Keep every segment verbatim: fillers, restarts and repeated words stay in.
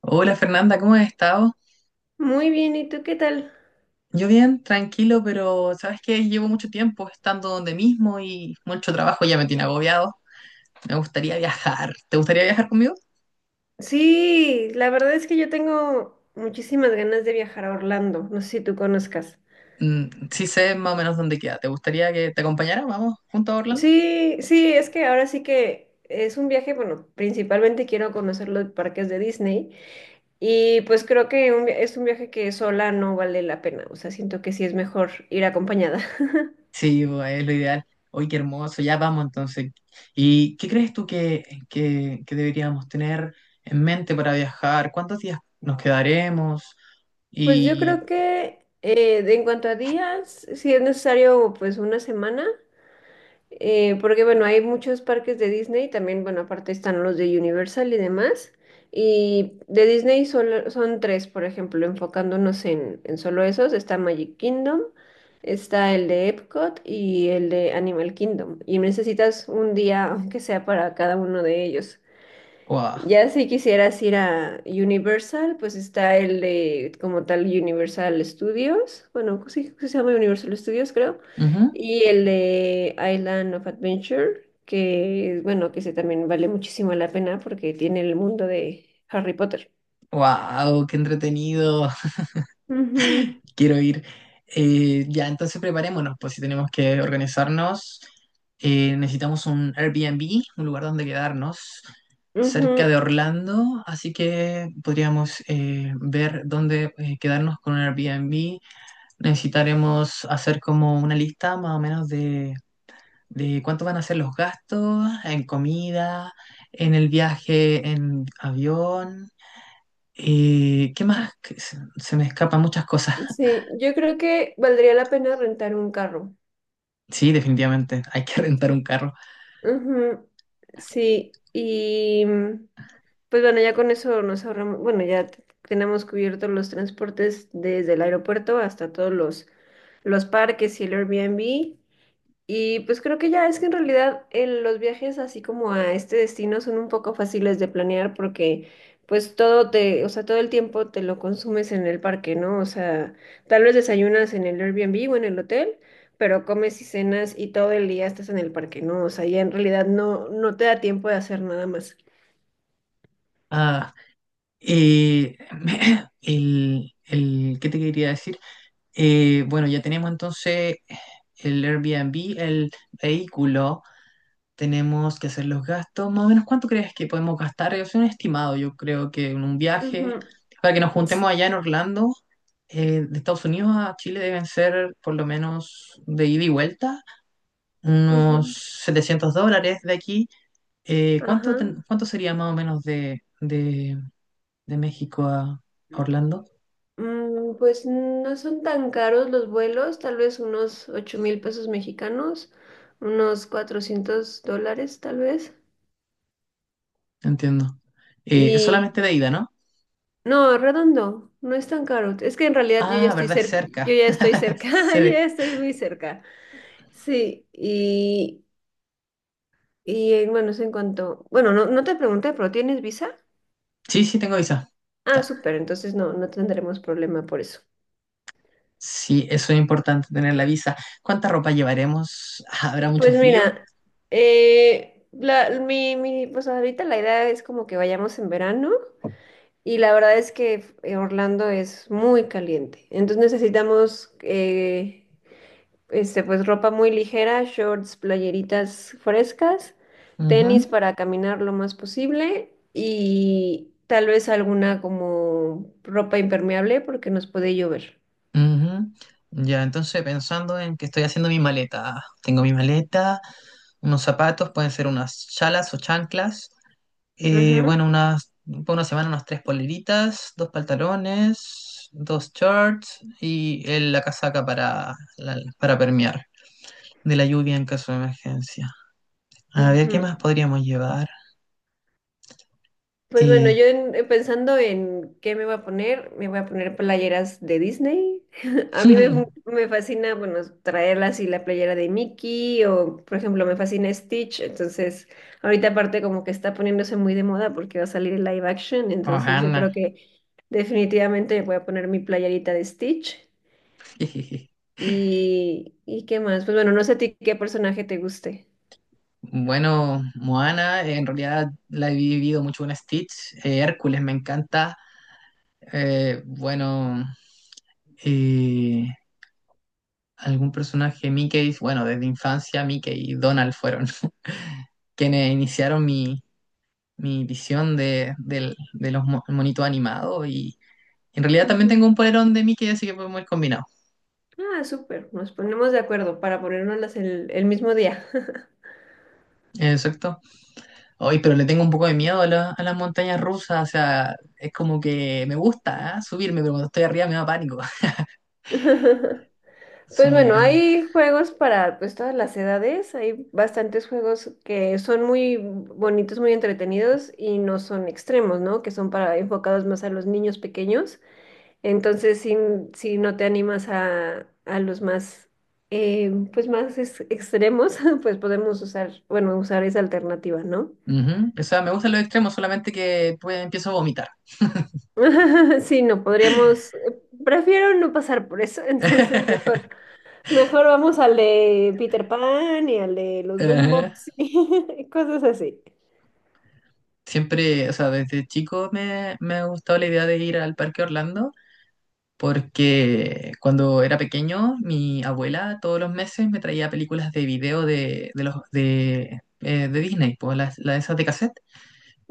Hola Fernanda, ¿cómo has estado? Muy bien, ¿y tú qué tal? Yo bien, tranquilo, pero sabes que llevo mucho tiempo estando donde mismo y mucho trabajo ya me tiene agobiado. Me gustaría viajar. ¿Te gustaría viajar conmigo? Sí, la verdad es que yo tengo muchísimas ganas de viajar a Orlando, no sé si tú conozcas. Mm, sí sé más o menos dónde queda. ¿Te gustaría que te acompañara? ¿Vamos juntos a Orlando? Sí, sí, es que ahora sí que es un viaje, bueno, principalmente quiero conocer los parques de Disney, y pues creo que un vi- es un viaje que sola no vale la pena, o sea, siento que sí es mejor ir acompañada. Sí, pues es lo ideal. Hoy qué hermoso, ya vamos entonces. ¿Y qué crees tú que, que, que deberíamos tener en mente para viajar? ¿Cuántos días nos quedaremos? Pues yo creo Y... que eh, de- en cuanto a días, si es necesario, pues una semana. Eh, porque bueno, hay muchos parques de Disney, también, bueno, aparte están los de Universal y demás. Y de Disney solo, son tres, por ejemplo, enfocándonos en, en solo esos, está Magic Kingdom, está el de Epcot y el de Animal Kingdom. Y necesitas un día, aunque sea para cada uno de ellos. ¡Wow! Ya si quisieras ir a Universal, pues está el de como tal Universal Studios, bueno, sí, sí se llama Universal Studios, creo, Ujú. y el de Island of Adventure, que bueno, que ese también vale muchísimo la pena porque tiene el mundo de Harry Potter. Wow, qué entretenido. Ujú, Quiero ir. Eh, ya, entonces preparémonos, pues si tenemos que organizarnos. Eh, necesitamos un Airbnb, un lugar donde quedarnos, ujú. cerca de Orlando, así que podríamos eh, ver dónde eh, quedarnos con un Airbnb. Necesitaremos hacer como una lista más o menos de, de cuánto van a ser los gastos en comida, en el viaje en avión. Eh, ¿qué más? Que Se se me escapan muchas cosas. Sí, yo creo que valdría la pena rentar un carro. Sí, definitivamente, hay que rentar un carro. Ujú, sí, y... Pues bueno, ya con eso nos ahorramos, bueno, ya t- tenemos cubiertos los transportes desde el aeropuerto hasta todos los, los parques y el Airbnb. Y pues creo que ya es que en realidad el- los viajes así como a este destino son un poco fáciles de planear porque pues todo te, o sea, todo el tiempo te lo consumes en el parque, ¿no? O sea, tal vez desayunas en el Airbnb o en el hotel, pero comes y cenas y todo el día estás en el parque, ¿no? O sea, ya en realidad no, no te da tiempo de hacer nada más. Ah, eh, el, el- ¿qué te quería decir? Eh, bueno, ya tenemos entonces el Airbnb, el vehículo, tenemos que hacer los gastos. Más o menos, ¿cuánto crees que podemos gastar? Es un estimado, yo creo que en un viaje, Ujú. para que nos juntemos allá en Orlando, eh, de Estados Unidos a Chile deben ser, por lo menos de ida y vuelta, Ujú, unos setecientos dólares de aquí. Eh, ajá. ¿cuánto, ten- cuánto sería más o menos de, de, de México a, a Orlando? Mm, pues no son tan caros los vuelos, tal vez unos ocho mil pesos mexicanos, unos cuatrocientos dólares tal vez. Entiendo. Eh, es Y solamente de ida, ¿no? no, redondo, no es tan caro. Es que en realidad yo ya Ah, estoy verdad, es cerca, yo cerca. ya estoy cerca, yo Se- ya estoy muy cerca. Sí, y, y eh, bueno, es en cuanto, bueno, no, no te pregunté, pero ¿tienes visa? Sí, sí, tengo visa. Ah, Ta- súper, entonces no, no tendremos problema por eso. Sí, eso es importante, tener la visa. ¿Cuánta ropa llevaremos? Ah, ¿habrá mucho Pues frío? mira, eh, la, mi, mi, pues ahorita la idea es como que vayamos en verano y la verdad es que eh, Orlando es muy caliente, entonces necesitamos eh, este, pues ropa muy ligera, shorts, playeritas frescas, tenis Ujú, para caminar lo más posible y tal vez alguna como ropa impermeable porque nos puede llover. ujú. Ya, entonces pensando en que estoy haciendo mi maleta. Ah, tengo mi maleta, unos zapatos, pueden ser unas chalas o chanclas. Eh, Ujú, bueno, unas, Para una semana, unas tres poleritas, dos pantalones, dos shorts y el- la casaca para la- para permear de la lluvia en caso de emergencia. A ver, ujú. ¿qué más podríamos llevar? Pues bueno, Eh... yo en- eh, pensando en qué me voy a poner, me voy a poner playeras de Disney. A mí me, me fascina, bueno, traerla así la playera de Mickey o, por ejemplo, me fascina Stitch. Entonces, ahorita aparte como que está poniéndose muy de moda porque va a salir el live action. Entonces, yo Ohana. creo que definitivamente voy a poner mi playerita de Stitch. ¿Y, y qué más? Pues bueno, no sé a ti qué personaje te guste. Bueno, Moana, en realidad la he vivido mucho con Stitch. Eh, Hércules me encanta. Eh, bueno, eh, Algún personaje Mickey. Bueno, desde infancia Mickey y Donald fueron quienes iniciaron mi, mi visión de, del- de los mo- monitos animados, y en realidad también Ujú. tengo un polerón de Mickey, así que podemos ir combinados. Ah, súper. Nos ponemos de acuerdo para ponérnoslas el, el mismo día. Exacto. Hoy, pero le tengo un poco de miedo a, la- a las montañas rusas. O sea, es como que me gusta, ¿ah?, subirme, pero cuando estoy arriba me da pánico. Pues Son muy bueno, grandes. hay juegos para pues todas las edades, hay bastantes juegos que son muy bonitos, muy entretenidos y no son extremos, ¿no? Que son para enfocados más a los niños pequeños. Entonces, si, si no te animas a, a los más eh, pues más ex- extremos, pues podemos usar, bueno, usar esa alternativa, ¿no? Ujú. O sea, me gustan los extremos, solamente que pues, empiezo a vomitar. Sí, no, podríamos, prefiero no pasar por eso, entonces mejor Mejor vamos al de Peter Pan y al de los Dumbos Ajá. y cosas así. Siempre, o sea, desde chico me, me ha gustado la idea de ir al Parque Orlando, porque cuando era pequeño mi abuela todos los meses me traía películas de video de, de los, de, eh, de Disney, pues las, las esas de cassette,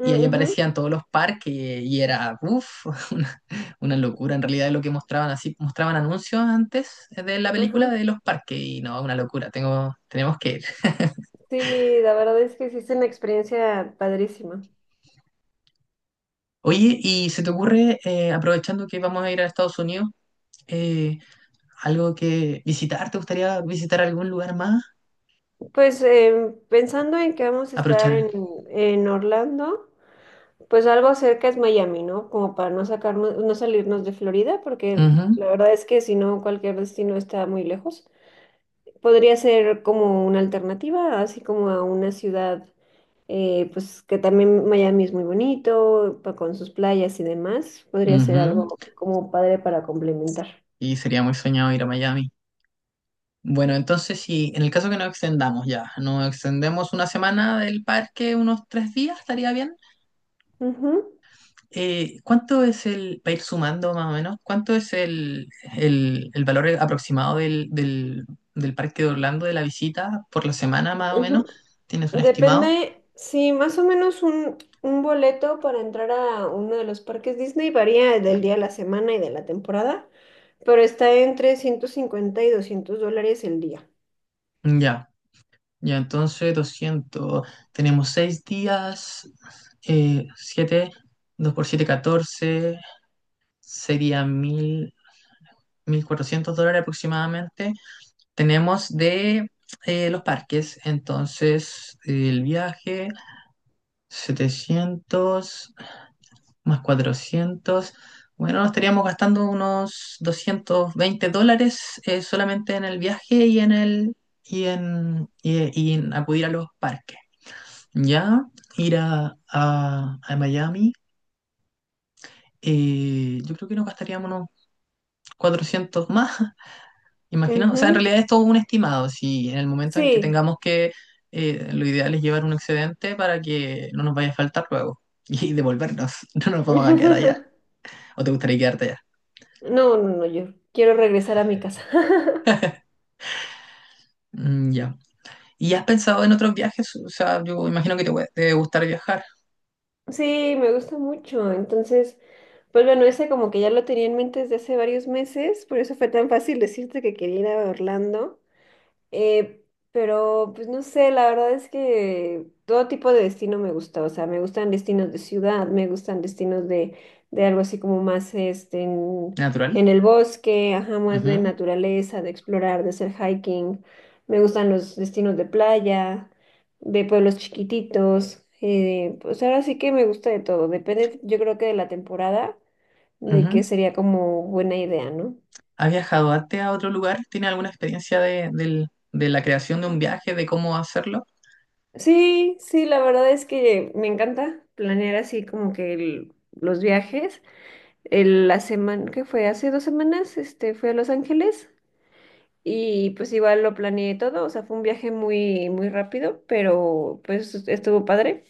y ahí ujú, aparecían todos los parques y era, uff, una, una locura en realidad lo que mostraban. Así, mostraban anuncios antes de la película ajá. de los parques, y no, una locura. Tengo, tenemos que ir. Sí, la verdad es que sí es una experiencia padrísima. Oye, ¿y se te ocurre, eh, aprovechando que vamos a ir a Estados Unidos, eh, algo que visitar? ¿Te gustaría visitar algún lugar más? Pues em, pensando en que vamos a estar Aprovechar. en, en Orlando, pues algo cerca es Miami, ¿no? Como para no sacarnos, no salirnos de Florida, porque Ujú, la verdad es que si no, cualquier destino está muy lejos. Podría ser como una alternativa, así como a una ciudad. Eh, pues que también Miami es muy bonito, pa- con sus playas y demás, podría ser ujú. algo como padre para complementar. Y sería muy soñado ir a Miami. Bueno, entonces si en el caso que nos extendamos ya, nos extendemos una semana del parque, unos tres días, estaría bien. Ujú, Eh, ¿cuánto es el, para ir sumando más o menos, cuánto es el, el, el valor aproximado del, del, del parque de Orlando de la visita por la semana más o menos? ujú. ¿Tienes un estimado? Depende, sí, más o menos un, un boleto para entrar a uno de los parques Disney varía del día a la semana y de la temporada, pero está entre ciento cincuenta y doscientos dólares el día. Ya. Ya, entonces, doscientos. Tenemos seis días, eh, siete. Dos por siete, catorce, serían mil mil cuatrocientos dólares aproximadamente. Tenemos de eh, los parques, entonces eh, el viaje, setecientos más cuatrocientos. Bueno, nos estaríamos gastando unos doscientos veinte dólares, eh, solamente en el viaje y en el... Y en, y y en acudir a los parques. Ya, ir a, a- a Miami. Eh, yo creo que nos gastaríamos unos cuatrocientos más, imagina. O sea, en Ujú, realidad es todo un estimado. Si en el momento en que sí. tengamos que, eh, lo ideal es llevar un excedente para que no nos vaya a faltar luego y devolvernos. No nos vamos a quedar allá. ¿O te gustaría quedarte allá? No, no, no, yo quiero regresar a mi casa. Mm, ya. ¿Y has pensado en otros viajes? O sea, yo imagino que te, gu- te debe gustar viajar. Sí, me gusta mucho. Entonces, pues bueno, ese como que ya lo tenía en mente desde hace varios meses, por eso fue tan fácil decirte que quería ir a Orlando. Eh, pero, pues no sé, la verdad es que todo tipo de destino me gusta, o sea, me gustan destinos de ciudad, me gustan destinos de, de algo así como más este, en, Natural. en el bosque, ajá, más de Ujú, naturaleza, de explorar, de hacer hiking, me gustan los destinos de playa, de pueblos chiquititos, eh, pues ahora sí que me gusta de todo, depende, yo creo que de la temporada, de ujú. qué sería como buena idea, ¿no? ¿Has viajado antes a otro lugar? ¿Tienes alguna experiencia de, del- de la creación de un viaje, de cómo hacerlo? Sí, sí, la verdad es que me encanta planear así como que el- los viajes. El- la semana que fue hace dos semanas, este, fui a Los Ángeles y pues igual lo planeé todo, o sea, fue un viaje muy, muy rápido, pero pues estuvo padre.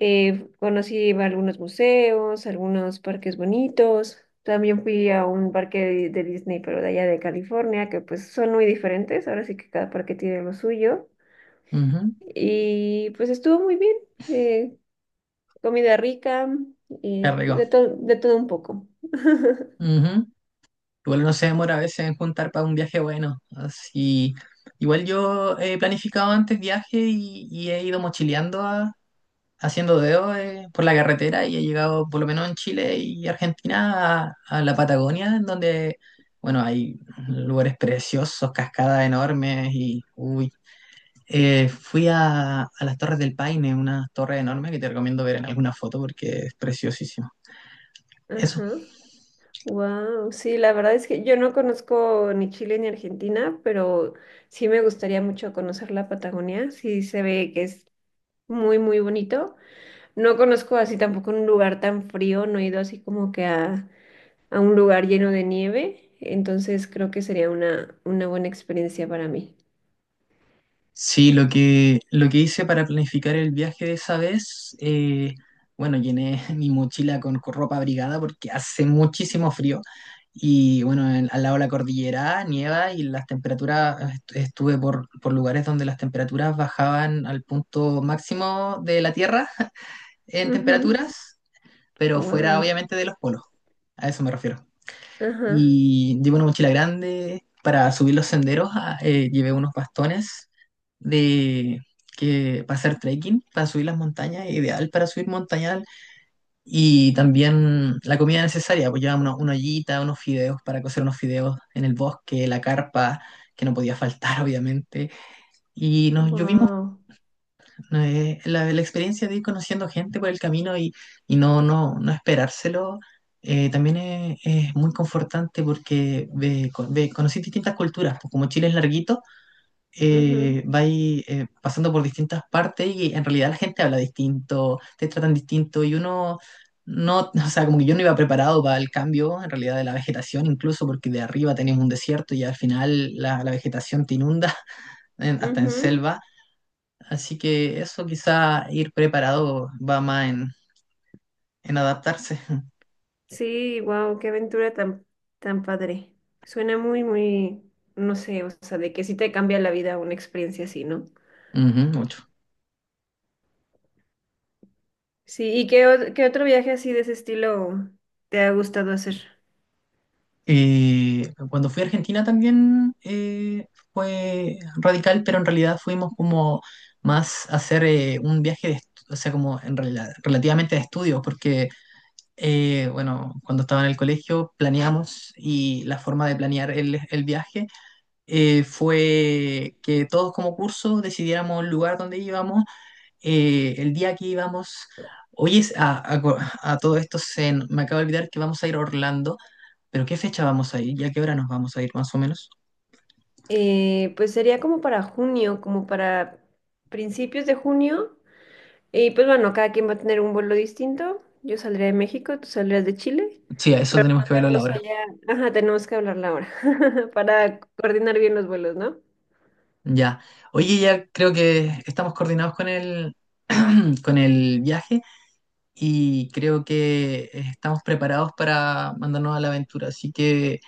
Eh, conocí algunos museos, algunos parques bonitos. También fui a un parque de, de Disney, pero de allá de California, que pues son muy diferentes. Ahora sí que cada parque tiene lo suyo. Ujú. Y pues estuvo muy bien. Eh, Comida rica, Qué y rico. de todo, de todo un poco. Ujú. Igual no se demora a veces en juntar para un viaje bueno. Así, igual yo he planificado antes viaje, y, y he ido mochileando, a- haciendo dedos eh, por la carretera, y he llegado, por lo menos en Chile y Argentina, a, a la Patagonia, en donde, bueno, hay lugares preciosos, cascadas enormes y, uy. Eh, fui a, a las Torres del Paine, una torre enorme que te recomiendo ver en alguna foto porque es preciosísimo. Eso. Ajá. Wow, sí, la verdad es que yo no conozco ni Chile ni Argentina, pero sí me gustaría mucho conocer la Patagonia. Sí se ve que es muy, muy bonito. No conozco así tampoco un lugar tan frío, no he ido así como que a, a un lugar lleno de nieve. Entonces creo que sería una, una buena experiencia para mí. Sí, lo que, lo que hice para planificar el viaje de esa vez, eh, bueno, llené mi mochila con co- ropa abrigada porque hace muchísimo frío. Y bueno, en- al lado de la cordillera nieva y las temperaturas, est- estuve por, por lugares donde las temperaturas bajaban al punto máximo de la Tierra en temperaturas, pero fuera, Wow. obviamente, de los polos. A eso me refiero. Ajá. Y llevo una mochila grande para subir los senderos. Ah, eh, llevé unos bastones de que para hacer trekking, para subir las montañas, ideal para subir montañal, y también la comida necesaria. Pues llevaba una, una ollita, unos fideos para cocer unos fideos en el bosque, la carpa que no podía faltar, obviamente, y nos llovimos. Wow. Ajá. eh, la, la experiencia de ir conociendo gente por el camino, y, y no, no, no esperárselo. Eh, también es, es muy confortante, porque ve, co- ve- conocí distintas culturas, pues como Chile es larguito. Guau. Eh, vais eh, pasando por distintas partes y en realidad la gente habla distinto, te tratan distinto, y uno no. O sea, como que yo no iba preparado para el cambio, en realidad, de la vegetación, incluso porque de arriba tenemos un desierto y al final la, la vegetación te inunda en- hasta en selva. Así que eso, quizá ir preparado, va más en, en adaptarse. Sí, wow, qué aventura tan, tan padre. Suena muy, muy, no sé, o sea, de que sí te cambia la vida una experiencia así, ¿no? Ujú, mucho. Sí, ¿y qué, o- qué otro viaje así de ese estilo te ha gustado hacer? Eh, cuando fui a Argentina, también eh, fue radical, pero en realidad fuimos como más a hacer eh, un viaje de estu- o sea, como en realidad relativamente de estudios, porque eh, bueno, cuando estaba en el colegio planeamos, y la forma de planear el, el viaje, eh, fue que todos como curso decidiéramos el lugar donde íbamos, eh, el día que íbamos. Oye, es- a, a co- a todo esto, se, n- me acabo de olvidar que vamos a ir a Orlando, pero ¿qué fecha vamos a ir? ¿Y a qué hora nos vamos a ir más o menos? Eh, pues sería como para junio, como para principios de junio. Y pues bueno, cada quien va a tener un vuelo distinto. Yo saldré de México, tú saldrás de Chile, Sí, a eso pero tenemos nos que verlo a la vemos hora. allá. Ajá, tenemos que hablar la hora para coordinar bien los vuelos, ¿no? Ya. Oye, ya creo que estamos coordinados con el, con el viaje, y creo que estamos preparados para mandarnos a la aventura. Así que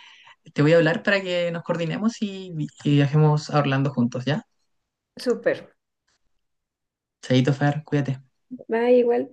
te voy a hablar para que nos coordinemos, y, y viajemos a Orlando juntos, ¿ya? Súper. Chaito, Fer, cuídate. Va igual.